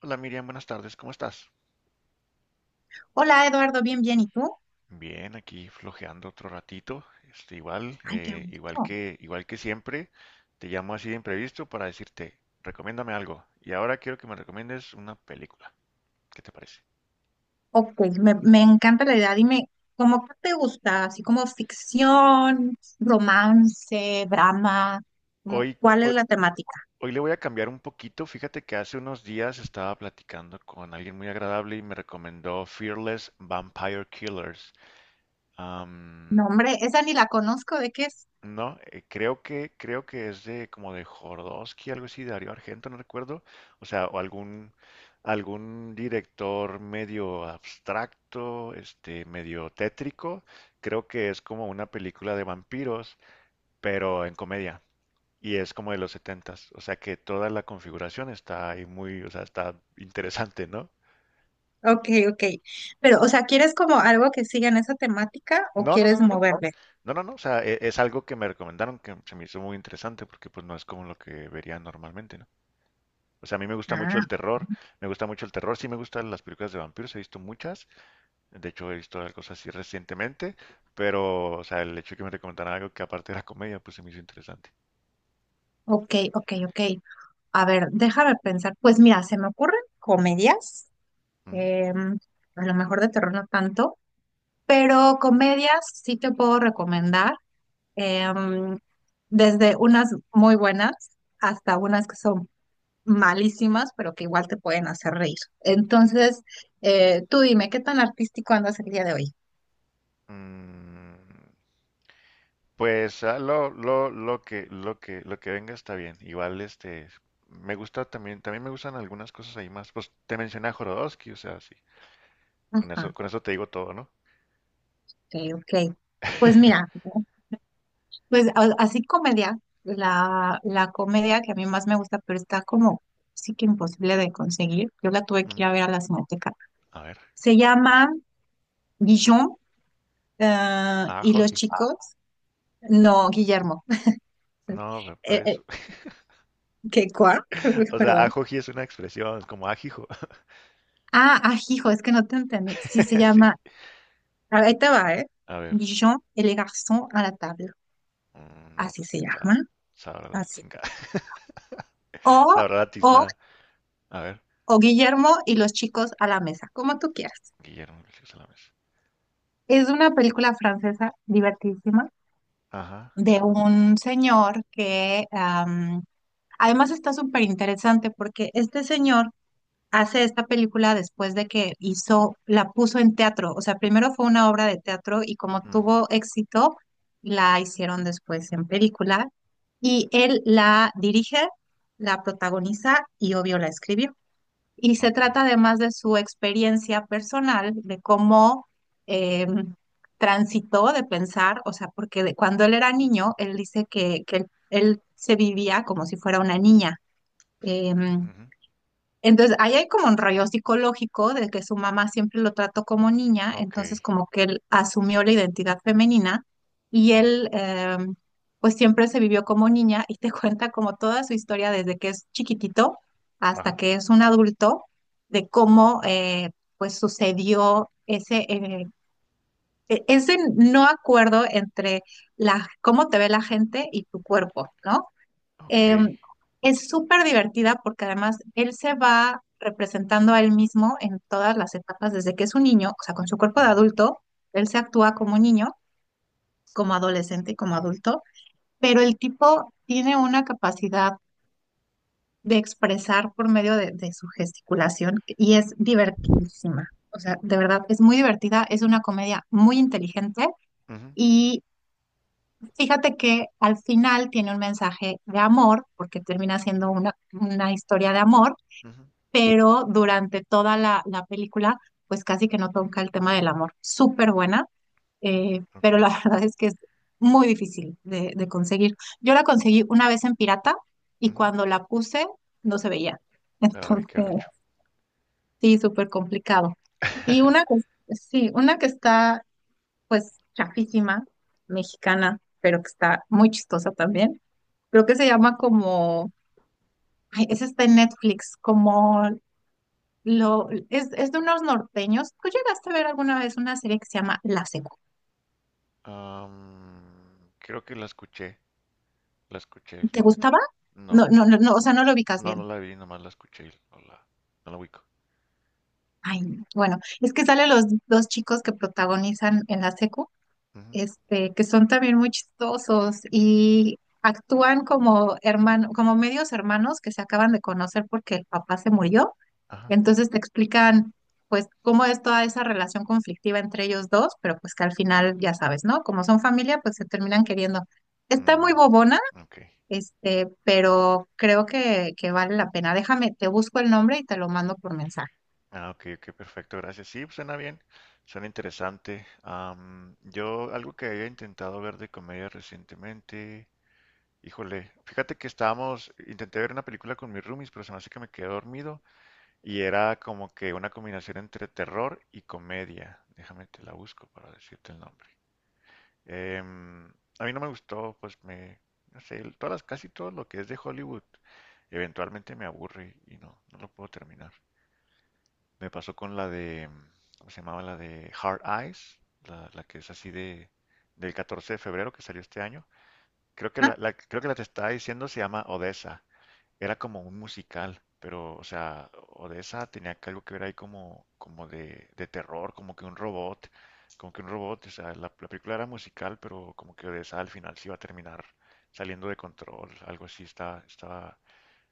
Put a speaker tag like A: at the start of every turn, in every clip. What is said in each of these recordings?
A: Hola Miriam, buenas tardes, ¿cómo estás?
B: Hola Eduardo, bien, bien. ¿Y tú?
A: Bien, aquí flojeando otro ratito, igual,
B: Ay, qué
A: igual
B: gusto.
A: que, igual que siempre, te llamo así de imprevisto para decirte, recomiéndame algo, y ahora quiero que me recomiendes una película, ¿qué te parece?
B: Ok, me encanta la idea. Dime, ¿cómo qué te gusta? Así como ficción, romance, drama, como,
A: Hoy,
B: ¿cuál es
A: hoy,
B: la temática?
A: hoy le voy a cambiar un poquito, fíjate que hace unos días estaba platicando con alguien muy agradable y me recomendó Fearless Vampire Killers. Am,
B: No, hombre, esa ni la conozco, ¿de qué es?
A: No, creo que es de como de Jodorowsky, algo así, Darío Argento, no recuerdo. O sea, o algún, algún director medio abstracto, medio tétrico. Creo que es como una película de vampiros, pero en comedia. Y es como de los setentas. O sea que toda la configuración está ahí muy, o sea, está interesante, ¿no?
B: Ok, ok. Pero, o sea, ¿quieres como algo que siga en esa temática o
A: No, no, no,
B: quieres
A: no, no.
B: moverle?
A: No, no, no. O sea, es algo que me recomendaron que se me hizo muy interesante porque pues no es como lo que vería normalmente, ¿no? O sea, a mí me gusta mucho
B: Ah,
A: el terror, me gusta mucho el terror, sí me gustan las películas de vampiros, he visto muchas, de hecho he visto algo así recientemente, pero, o sea, el hecho de que me recomendaran algo que aparte era comedia, pues se me hizo interesante.
B: ok, ok, ok. A ver, déjame pensar. Pues mira, se me ocurren comedias,
A: Ujú.
B: em, a lo mejor de terror no tanto. Pero comedias sí te puedo recomendar, em, desde unas muy buenas hasta unas que son malísimas, pero que igual te pueden hacer reír. Entonces, tú dime, ¿qué tan artístico andas el día de hoy?
A: Mm, pues lo que venga está bien. Igual, me gusta también, también me gustan algunas cosas ahí más. Pues te mencioné a Jodorowsky, o sea, sí,
B: Ajá,
A: con eso te digo todo, ¿no?
B: ok, ok. Pues mira, pues así comedia, la comedia que a mí más me gusta, pero está como sí que imposible de conseguir. Yo la tuve que ir
A: Mm,
B: a ver a la Cineteca.
A: a ver,
B: Se llama Guillón
A: ah,
B: y los
A: Joji,
B: chicos. No, Guillermo.
A: no,
B: Eh,
A: pues.
B: eh, ¿Qué cuá?
A: O sea,
B: Perdón.
A: ajoji es una expresión, es como ajijo.
B: Ah, ah, hijo, es que no te entendí. Sí, se
A: Sí.
B: llama. Ahí te va, ¿eh?
A: A ver,
B: Jean et les garçons à la table.
A: no,
B: Así
A: pues
B: se
A: quién sabe.
B: llama.
A: Sabrá la
B: Así.
A: chingada.
B: O,
A: Sabrá la
B: o,
A: tiznada. A ver,
B: o Guillermo y los chicos a la mesa, como tú quieras.
A: Guillermo Iglesias a la mesa.
B: Es una película francesa divertidísima
A: Ajá.
B: de un señor que además está súper interesante porque este señor hace esta película después de que hizo, la puso en teatro. O sea, primero fue una obra de teatro y como
A: Ujú.
B: tuvo éxito, la hicieron después en película. Y él la dirige, la protagoniza y obvio la escribió. Y se
A: Ok.
B: trata además de su experiencia personal, de cómo em, transitó de pensar, o sea, porque cuando él era niño, él dice que él se vivía como si fuera una niña. Em,
A: Ujú.
B: entonces, ahí hay como un rollo psicológico de que su mamá siempre lo trató como niña,
A: Ok.
B: entonces como que él asumió la identidad femenina y
A: Ujú.
B: él pues siempre se vivió como niña y te cuenta como toda su historia desde que es chiquitito hasta
A: Ajá.
B: que es un adulto, de cómo pues sucedió ese, ese no acuerdo entre la, cómo te ve la gente y tu cuerpo, ¿no?
A: Ok.
B: Eh, es súper divertida porque además él se va representando a él mismo en todas las etapas, desde que es un niño, o sea, con su cuerpo de
A: Ujú.
B: adulto, él se actúa como niño, como adolescente y como adulto, pero el tipo tiene una capacidad de expresar por medio de su gesticulación y es divertidísima. O sea, de verdad, es muy divertida, es una comedia muy inteligente
A: Ujú.
B: y fíjate que al final tiene un mensaje de amor, porque termina siendo una historia de amor
A: Ujú.
B: pero durante toda la, la película, pues casi que no toca el tema del amor. Súper buena,
A: Ok.
B: pero la verdad es que es muy difícil de conseguir. Yo la conseguí una vez en pirata y
A: Ujú.
B: cuando la puse no se veía.
A: Ay, qué
B: Entonces,
A: gacho.
B: sí, súper complicado. Y una que, sí, una que está pues chafísima, mexicana, pero que está muy chistosa también. Creo que se llama como, ay, esa está en Netflix, como Lo, es de unos norteños. ¿Tú llegaste a ver alguna vez una serie que se llama La Secu?
A: Creo que la escuché. La escuché.
B: ¿Te
A: me-
B: gustaba? No,
A: No.
B: no, no, no, o sea, no lo ubicas bien.
A: Nomás la escuché y no la ubico.
B: Ay, no. Bueno, es que salen los dos chicos que protagonizan en La Secu,
A: Ujú.
B: este, que son también muy chistosos y actúan como hermano, como medios hermanos que se acaban de conocer porque el papá se murió.
A: Ajá.
B: Entonces te explican pues cómo es toda esa relación conflictiva entre ellos dos, pero pues que al final ya sabes, ¿no? Como son familia, pues se terminan queriendo. Está muy
A: mm,
B: bobona,
A: Ok.
B: este, pero creo que vale la pena. Déjame, te busco el nombre y te lo mando por mensaje.
A: Ah, ok, ok, perfecto, gracias. Sí, pues, suena bien, suena interesante. Yo, algo que había intentado ver de comedia recientemente, híjole, intenté ver una película con mis roomies, pero se me hace que me quedé dormido y era como que una combinación entre terror y comedia. Déjame te la busco para decirte el nombre. Em, a mí no me gustó, no sé, casi todo lo que es de Hollywood, eventualmente me aburre y no, no lo puedo terminar. Me pasó con la de, ¿cómo se llamaba? La de Hard Eyes, la que es así de, del 14 de febrero que salió este año. Creo que
B: Ah,
A: creo que la te estaba diciendo se llama Odessa. Era como un musical, pero, o sea, Odessa tenía que algo que ver ahí como, como de terror, como que un robot, como que un robot, o sea, la película era musical, pero como que Odessa al final se iba a terminar saliendo de control, algo así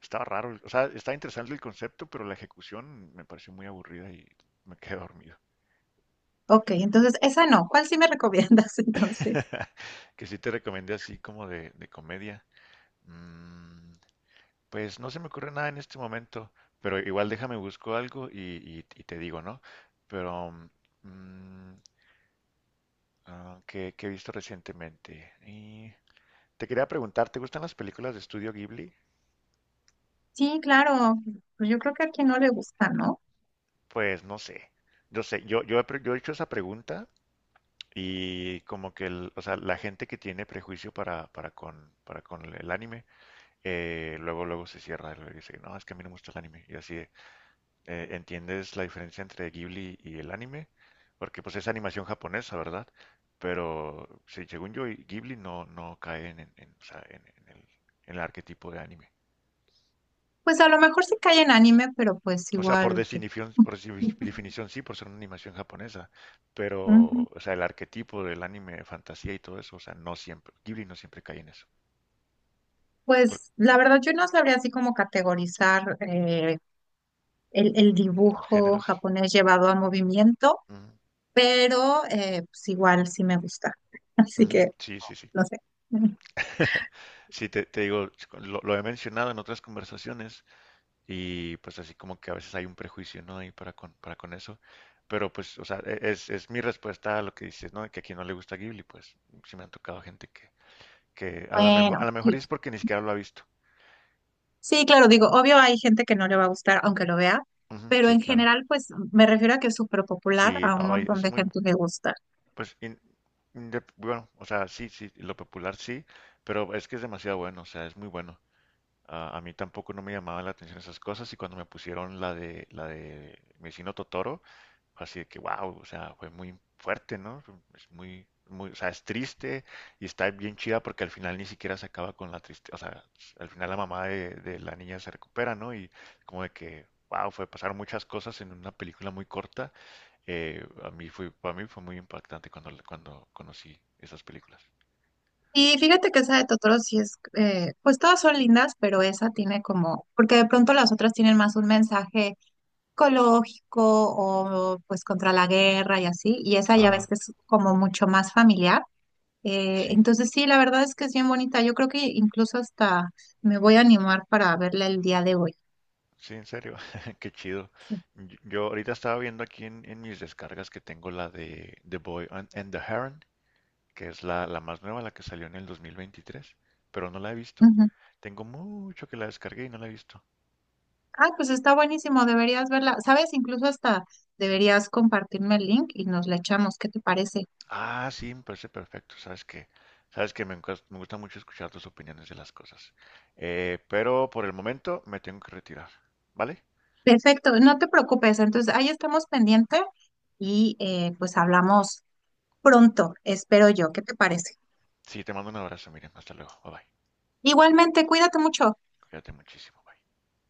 A: estaba raro, o sea, estaba interesante el concepto, pero la ejecución me pareció muy aburrida y me quedé dormido.
B: ok, entonces esa no. ¿Cuál sí me recomiendas entonces?
A: Que sí te recomendé así como de comedia. Mm, pues no se me ocurre nada en este momento, pero igual déjame busco algo y, y te digo, ¿no? Pero, mm, ¿qué, qué he visto recientemente? Y te quería preguntar, ¿te gustan las películas de Estudio Ghibli?
B: Sí, claro. Pues yo creo que a quien no le gusta, ¿no?
A: Pues no sé. Yo sé, he yo he hecho esa pregunta. Y como que o sea, la gente que tiene prejuicio para, para con el anime, luego, luego se cierra y dice, no, es que a mí no me gusta el anime. Y así, de, ¿entiendes la diferencia entre Ghibli y el anime? Porque pues es animación japonesa, ¿verdad? Pero sí, según yo, Ghibli no, no cae en, en, o sea, en el arquetipo de anime.
B: Pues a lo mejor sí cae en anime, pero pues
A: O sea, por
B: igual.
A: definición, por definición sí, por ser una animación japonesa, pero,
B: Ujú.
A: o sea, el arquetipo del anime, fantasía y todo eso, o sea, no siempre, Ghibli no siempre cae en eso. Por
B: Pues la verdad yo no sabría así como categorizar el
A: los
B: dibujo
A: géneros.
B: japonés llevado al movimiento,
A: Ujú,
B: pero pues igual sí me gusta. Así
A: ujú,
B: que,
A: sí, sí, sí.
B: no sé.
A: Sí, te digo, lo he mencionado en otras conversaciones y pues así como que a veces hay un prejuicio, ¿no? Ahí para con eso. Pero pues, o sea, es mi respuesta a lo que dices, ¿no? Que a quien no le gusta Ghibli, pues sí me han tocado gente que
B: Bueno,
A: a lo mejor
B: sí,
A: es porque ni siquiera lo ha visto.
B: sí, claro, digo, obvio hay gente que no le va a gustar aunque lo vea,
A: Ujú,
B: pero
A: sí,
B: en
A: claro.
B: general, pues me refiero a que es súper popular,
A: Sí,
B: a un
A: no, y
B: montón
A: es
B: de
A: muy,
B: gente le gusta.
A: pues, in- bueno, o sea, sí, sí, lo popular sí, pero es que es demasiado bueno, o sea, es muy bueno. Ah, a mí tampoco no me llamaban la atención esas cosas y cuando me pusieron la de mi vecino Totoro, fue así de que wow, o sea, fue muy fuerte, ¿no? Es muy, muy, o sea, es triste y está bien chida porque al final ni siquiera se acaba con la tristeza, o sea, al final la mamá de la niña se recupera, ¿no? Y como de que wow, fue pasar muchas cosas en una película muy corta. A mí fue, para mí fue muy impactante cuando cuando conocí esas películas.
B: Y fíjate que esa de Totoro sí es, pues todas son lindas, pero esa tiene como, porque de pronto las otras tienen más un mensaje ecológico o pues contra la guerra y así, y esa ya
A: Ah,
B: ves que es como mucho más familiar.
A: sí.
B: Entonces sí, la verdad es que es bien bonita. Yo creo que incluso hasta me voy a animar para verla el día de hoy.
A: Sí, en serio, qué chido.
B: Sí.
A: Yo ahorita estaba viendo aquí en mis descargas que tengo la de The Boy and the Heron, que es la más nueva, la que salió en el 2023, pero no la he visto.
B: Ujú.
A: Tengo mucho que la descargué y no la he visto.
B: Ah, pues está buenísimo, deberías verla. ¿Sabes? Incluso hasta deberías compartirme el link y nos la echamos. ¿Qué te parece?
A: Ah, sí, me parece perfecto. Sabes que me gusta mucho escuchar tus opiniones de las cosas. Pero por el momento me tengo que retirar, ¿vale?
B: Perfecto, no te preocupes. Entonces ahí estamos pendiente y pues hablamos pronto, espero yo. ¿Qué te parece?
A: Sí, te mando un abrazo, Miriam. Hasta luego. Bye bye.
B: Igualmente, cuídate mucho.
A: Cuídate muchísimo. Bye.